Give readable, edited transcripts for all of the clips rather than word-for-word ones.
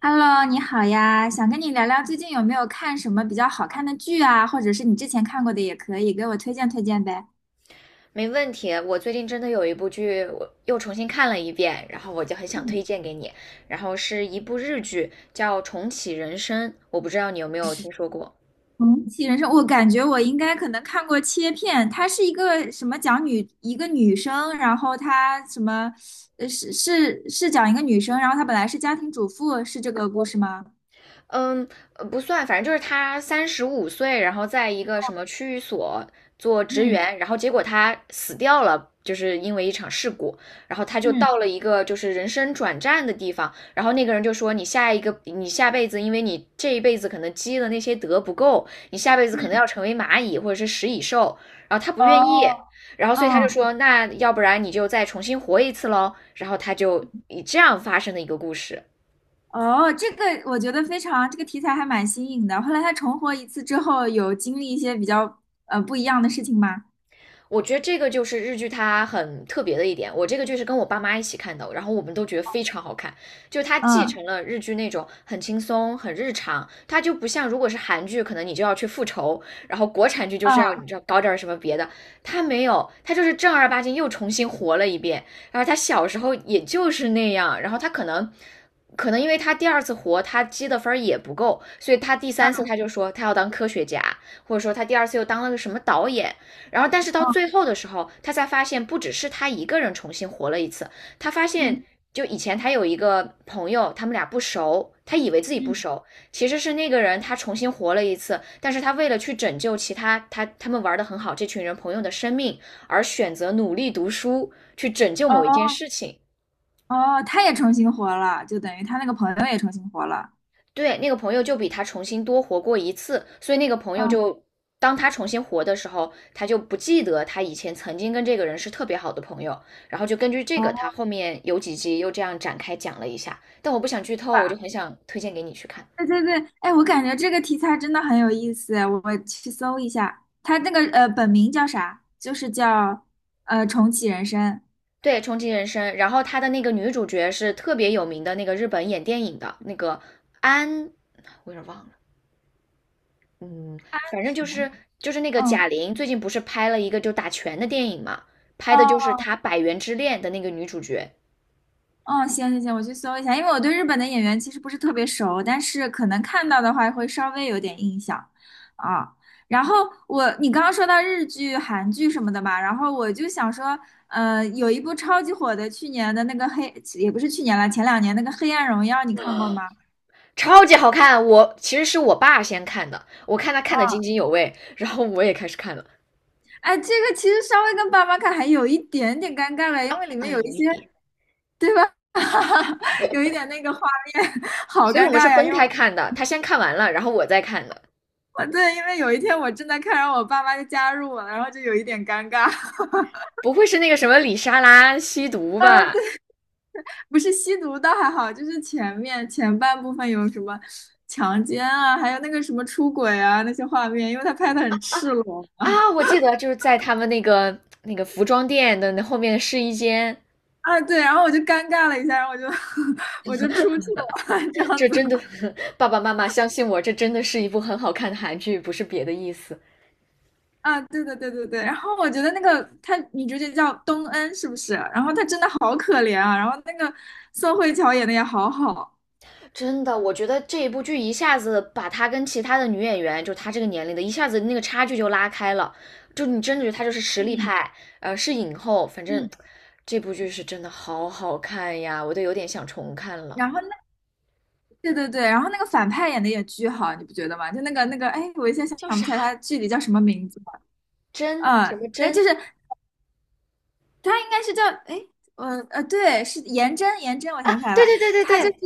Hello，你好呀，想跟你聊聊最近有没有看什么比较好看的剧啊，或者是你之前看过的也可以，给我推荐推荐呗。没问题。我最近真的有一部剧，我又重新看了一遍，然后我就很想嗯，推荐给你。然后是一部日剧，叫《重启人生》，我不知道你有没有听说过。重启人生，我感觉我应该可能看过切片，它是一个什么讲一个女生，然后她什么，是是是讲一个女生，然后她本来是家庭主妇，是这个故事吗？嗯，不算，反正就是他35岁，然后在一个什么区域所做职嗯员，然后结果他死掉了，就是因为一场事故，然后他就嗯到了一个就是人生转站的地方，然后那个人就说你下辈子，因为你这一辈子可能积的那些德不够，你下辈子可能嗯，要成为蚂蚁或者是食蚁兽，然后他不愿意，哦，然后所以他就嗯，说那要不然你就再重新活一次喽，然后他就以这样发生的一个故事。哦，这个我觉得非常，这个题材还蛮新颖的。后来他重活一次之后，有经历一些比较不一样的事情吗？我觉得这个就是日剧它很特别的一点。我这个剧是跟我爸妈一起看的，然后我们都觉得非常好看，就是它继嗯承了日剧那种很轻松、很日常，它就不像如果是韩剧，可能你就要去复仇，然后国产剧就是要啊你知道搞点什么别的，它没有，它就是正儿八经又重新活了一遍。然后他小时候也就是那样，然后他可能因为他第二次活，他积的分儿也不够，所以他第三次他就说他要当科学家，或者说他第二次又当了个什么导演，然后，但是到啊最后的时候，他才发现不只是他一个人重新活了一次，他发嗯现就以前他有一个朋友，他们俩不熟，他以为自己不嗯，熟，其实是那个人他重新活了一次，但是他为了去拯救其他他们玩的很好这群人朋友的生命，而选择努力读书去拯救哦某一件事情。哦，他也重新活了，就等于他那个朋友也重新活了。对，那个朋友就比他重新多活过一次，所以那个朋友嗯就当他重新活的时候，他就不记得他以前曾经跟这个人是特别好的朋友，然后就根据这个，他哦，后面有几集又这样展开讲了一下，但我不想剧透，我就很想推荐给你去看。对对对，哎，我感觉这个题材真的很有意思，我去搜一下。他那个本名叫啥？就是叫重启人生。对，重启人生，然后他的那个女主角是特别有名的那个日本演电影的那个安，我有点忘了，嗯，反正是就吗是就是那个嗯贾玲最近不是拍了一个就打拳的电影嘛，拍的就是哦她《百元之恋》的那个女主角，嗯，行行行，我去搜一下，因为我对日本的演员其实不是特别熟，但是可能看到的话会稍微有点印象啊。然后你刚刚说到日剧、韩剧什么的嘛，然后我就想说，有一部超级火的，去年的那个黑，也不是去年了，前2年那个《黑暗荣耀》，你看过吗？超级好看。我其实是我爸先看的，我看他看的津啊，津有味，然后我也开始看了，哎，这个其实稍微跟爸妈看还有一点点尴尬了，因为里面啊，有一有一些 点，有一点那个画面，好所以尴我们是尬呀，分因为。开看的，他先看完了，然后我再看的。对，因为有一天我正在看，然后我爸妈就加入我了，然后就有一点尴尬。不会是那个什么李莎拉吸毒吧？不是吸毒倒还好，就是前面前半部分有什么强奸啊，还有那个什么出轨啊那些画面，因为他拍的很赤裸啊，我记得就是在他们那个服装店的那后面的试衣间，啊，对，然后我就尴尬了一下，然后我就 我就出去了，这样这子真的，爸爸妈妈相信我，这真的是一部很好看的韩剧，不是别的意思。啊，对对对对对。然后我觉得那个他女主角叫东恩是不是？然后她真的好可怜啊，然后那个宋慧乔演的也好好，真的，我觉得这一部剧一下子把她跟其他的女演员，就她这个年龄的，一下子那个差距就拉开了。就你真的觉得她就是实力嗯派，是影后。反正嗯。这部剧是真的好好看呀，我都有点想重看了。然后对对对，然后那个反派演的也巨好，你不觉得吗？就那个，哎，我一下想叫不啥？起来他具体叫什么名字了。真什嗯，么但就真是他应该是叫，哎，对，是颜真，颜真，我啊？想起来对了，对对对他就是，对，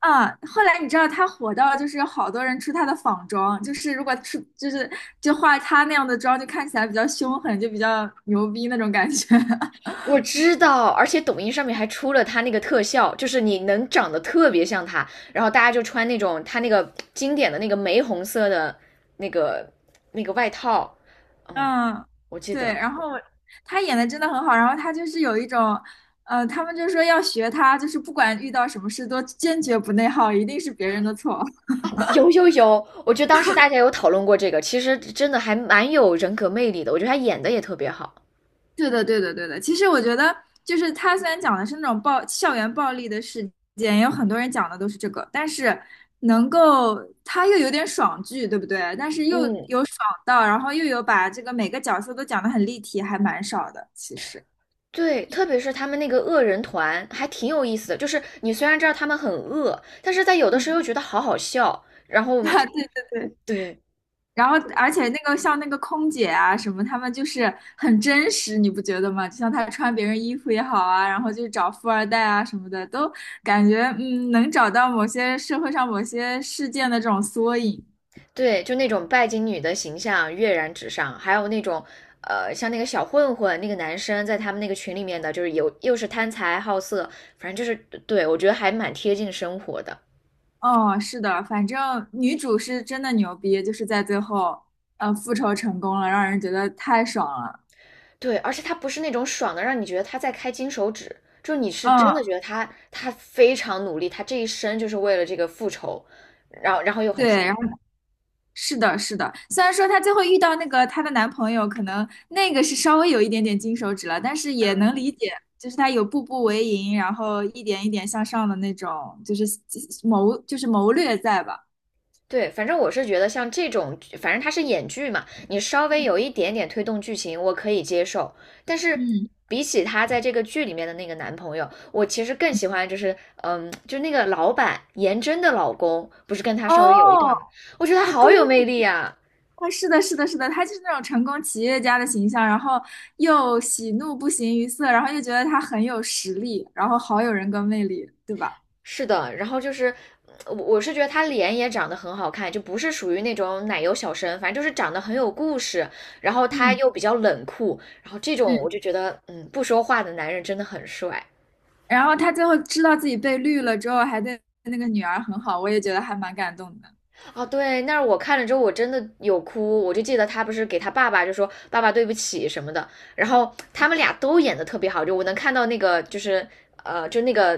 嗯，后来你知道他火到就是有好多人出他的仿妆，就是如果出就是就化他那样的妆，就看起来比较凶狠，就比较牛逼那种感觉。我知道，而且抖音上面还出了他那个特效，就是你能长得特别像他，然后大家就穿那种他那个经典的那个玫红色的那个那个外套，嗯，嗯，我记对，得然后他演的真的很好，然后他就是有一种，他们就说要学他，就是不管遇到什么事都坚决不内耗，一定是别人的错。有有有，我觉得当时大家有讨论过这个，其实真的还蛮有人格魅力的，我觉得他演的也特别好，对的，对的，对的。其实我觉得，就是他虽然讲的是那种校园暴力的事件，也有很多人讲的都是这个，但是能够他又有点爽剧，对不对？但是又嗯，有爽到，然后又有把这个每个角色都讲得很立体，还蛮少的，其实。对，特别是他们那个恶人团还挺有意思的，就是你虽然知道他们很恶，但是在有的时嗯，候又觉得好好笑，然 后啊，对对对。对。然后而且那个像那个空姐啊什么，他们就是很真实，你不觉得吗？就像她穿别人衣服也好啊，然后就找富二代啊什么的，都感觉能找到某些社会上某些事件的这种缩影。对，就那种拜金女的形象跃然纸上，还有那种，像那个小混混那个男生在他们那个群里面的，就是有又是贪财好色，反正就是对我觉得还蛮贴近生活的。哦，是的，反正女主是真的牛逼，就是在最后，复仇成功了，让人觉得太爽了。对，而且他不是那种爽的，让你觉得他在开金手指，就你是真嗯，的觉得他非常努力，他这一生就是为了这个复仇，然后又很爽。对，是的，是的，虽然说她最后遇到那个她的男朋友，可能那个是稍微有一点点金手指了，但是也能理解，就是她有步步为营，然后一点一点向上的那种，就是谋略在吧？对，反正我是觉得像这种，反正他是演剧嘛，你稍微有一点点推动剧情，我可以接受。但是嗯，比起他在这个剧里面的那个男朋友，我其实更喜欢就是，嗯，就那个老板颜真的老公，不是跟他稍微有一哦，段吗？我觉得他啊，好对，有魅力啊。啊，是的，是的，是的，她就是那种成功企业家的形象，然后又喜怒不形于色，然后又觉得她很有实力，然后好有人格魅力，对吧？是的，然后就是。我是觉得他脸也长得很好看，就不是属于那种奶油小生，反正就是长得很有故事，然后他嗯又比较冷酷，然后这种嗯。我就觉得，嗯，不说话的男人真的很帅。然后他最后知道自己被绿了之后，还对那个女儿很好，我也觉得还蛮感动的。哦，对，那我看了之后，我真的有哭。我就记得他不是给他爸爸就说"爸爸对不起"什么的，然后他们俩都演的特别好，就我能看到那个就是就那个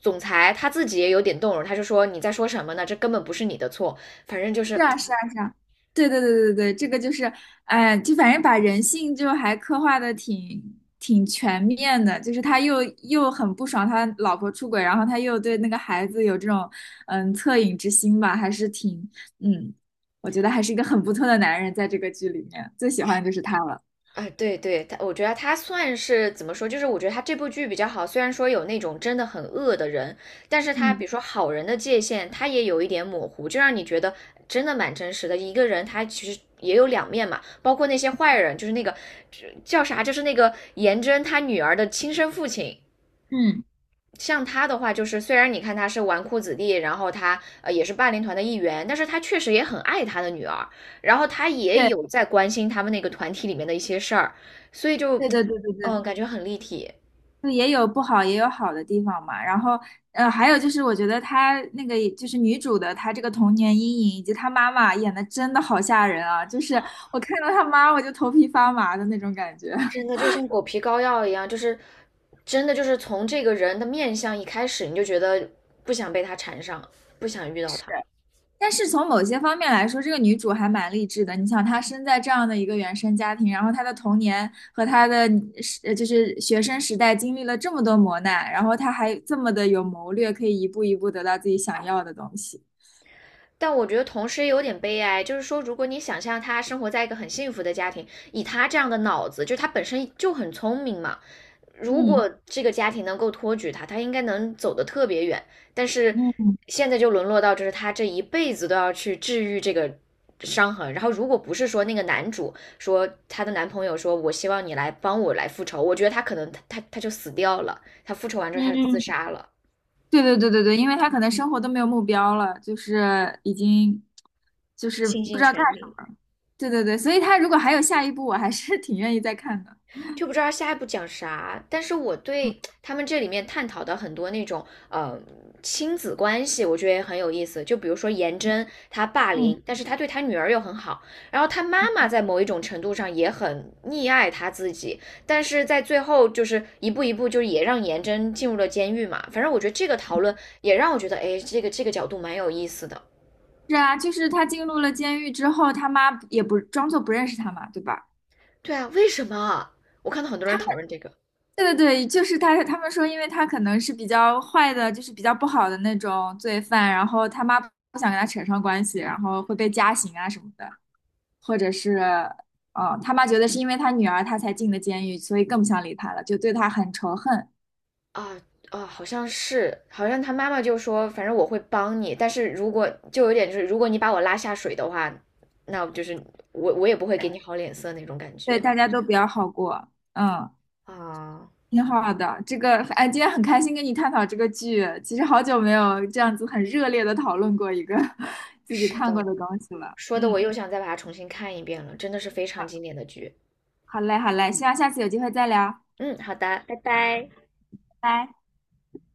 总裁他自己也有点动容，他就说："你在说什么呢？这根本不是你的错。"反正就是是啊，是啊，是啊，对对对对对，这个就是，哎，就反正把人性就还刻画的挺全面的，就是他又很不爽他老婆出轨，然后他又对那个孩子有这种恻隐之心吧，还是挺嗯，我觉得还是一个很不错的男人，在这个剧里面最喜欢就是他了。啊，对对，他我觉得他算是怎么说，就是我觉得他这部剧比较好，虽然说有那种真的很恶的人，但是他嗯比如说好人的界限，他也有一点模糊，就让你觉得真的蛮真实的。一个人他其实也有两面嘛，包括那些坏人，就是那个叫啥，就是那个颜真他女儿的亲生父亲，嗯，像他的话，就是虽然你看他是纨绔子弟，然后他呃也是霸凌团的一员，但是他确实也很爱他的女儿，然后他也对有在关心他们那个团体里面的一些事儿，所以就对对对对嗯对。感觉很立体就也有不好，也有好的地方嘛。然后，还有就是，我觉得她那个就是女主的，她这个童年阴影以及她妈妈演的真的好吓人啊！就是啊，我看到她妈，我就头皮发麻的那种感觉。真的 就像狗皮膏药一样，就是真的就是从这个人的面相一开始，你就觉得不想被他缠上，不想遇到是，他。但是从某些方面来说，这个女主还蛮励志的。你想，她生在这样的一个原生家庭，然后她的童年和她的就是学生时代经历了这么多磨难，然后她还这么的有谋略，可以一步一步得到自己想要的东西。但我觉得同时也有点悲哀，就是说，如果你想象他生活在一个很幸福的家庭，以他这样的脑子，就他本身就很聪明嘛，如果嗯这个家庭能够托举他，他应该能走得特别远。但是嗯现在就沦落到，就是他这一辈子都要去治愈这个伤痕。然后，如果不是说那个男主说他的男朋友说，我希望你来帮我来复仇，我觉得他可能他就死掉了，他复仇完之后他就自嗯。杀了，对对对对对，因为他可能生活都没有目标了，就是已经就是倾不尽知道干全什力。么。对对对，所以他如果还有下一步，我还是 挺愿意再看的。就不知道下一步讲啥。但是我对他们这里面探讨的很多那种亲子关系，我觉得也很有意思。就比如说颜真，她霸嗯，凌，但是她对她女儿又很好，然后他妈妈在某一种程度上也很溺爱他自己，但是在最后就是一步一步，就是也让颜真进入了监狱嘛。反正我觉得这个讨论也让我觉得，哎，这个这个角度蛮有意思的。是啊，就是他进入了监狱之后，他妈也不装作不认识他嘛，对吧？对啊，为什么？我看到很多他人们讨论这个。对对对，就是他们说，因为他可能是比较坏的，就是比较不好的那种罪犯，然后他妈不想跟他扯上关系，然后会被加刑啊什么的。或者是，嗯，他妈觉得是因为他女儿他才进的监狱，所以更不想理他了，就对他很仇恨。啊啊，好像是，好像他妈妈就说，反正我会帮你，但是如果就有点就是，如果你把我拉下水的话，那就是我也不会给你好脸色那种感对，觉大家都比较好过，啊。挺好的。这个，哎，今天很开心跟你探讨这个剧，其实好久没有这样子很热烈的讨论过一个 自己是的，看过的东西了。说的我嗯，又想再把它重新看一遍了，真的是非常经典的剧。好嘞，好嘞，希望下次有机会再聊，嗯，好的，拜拜。拜拜。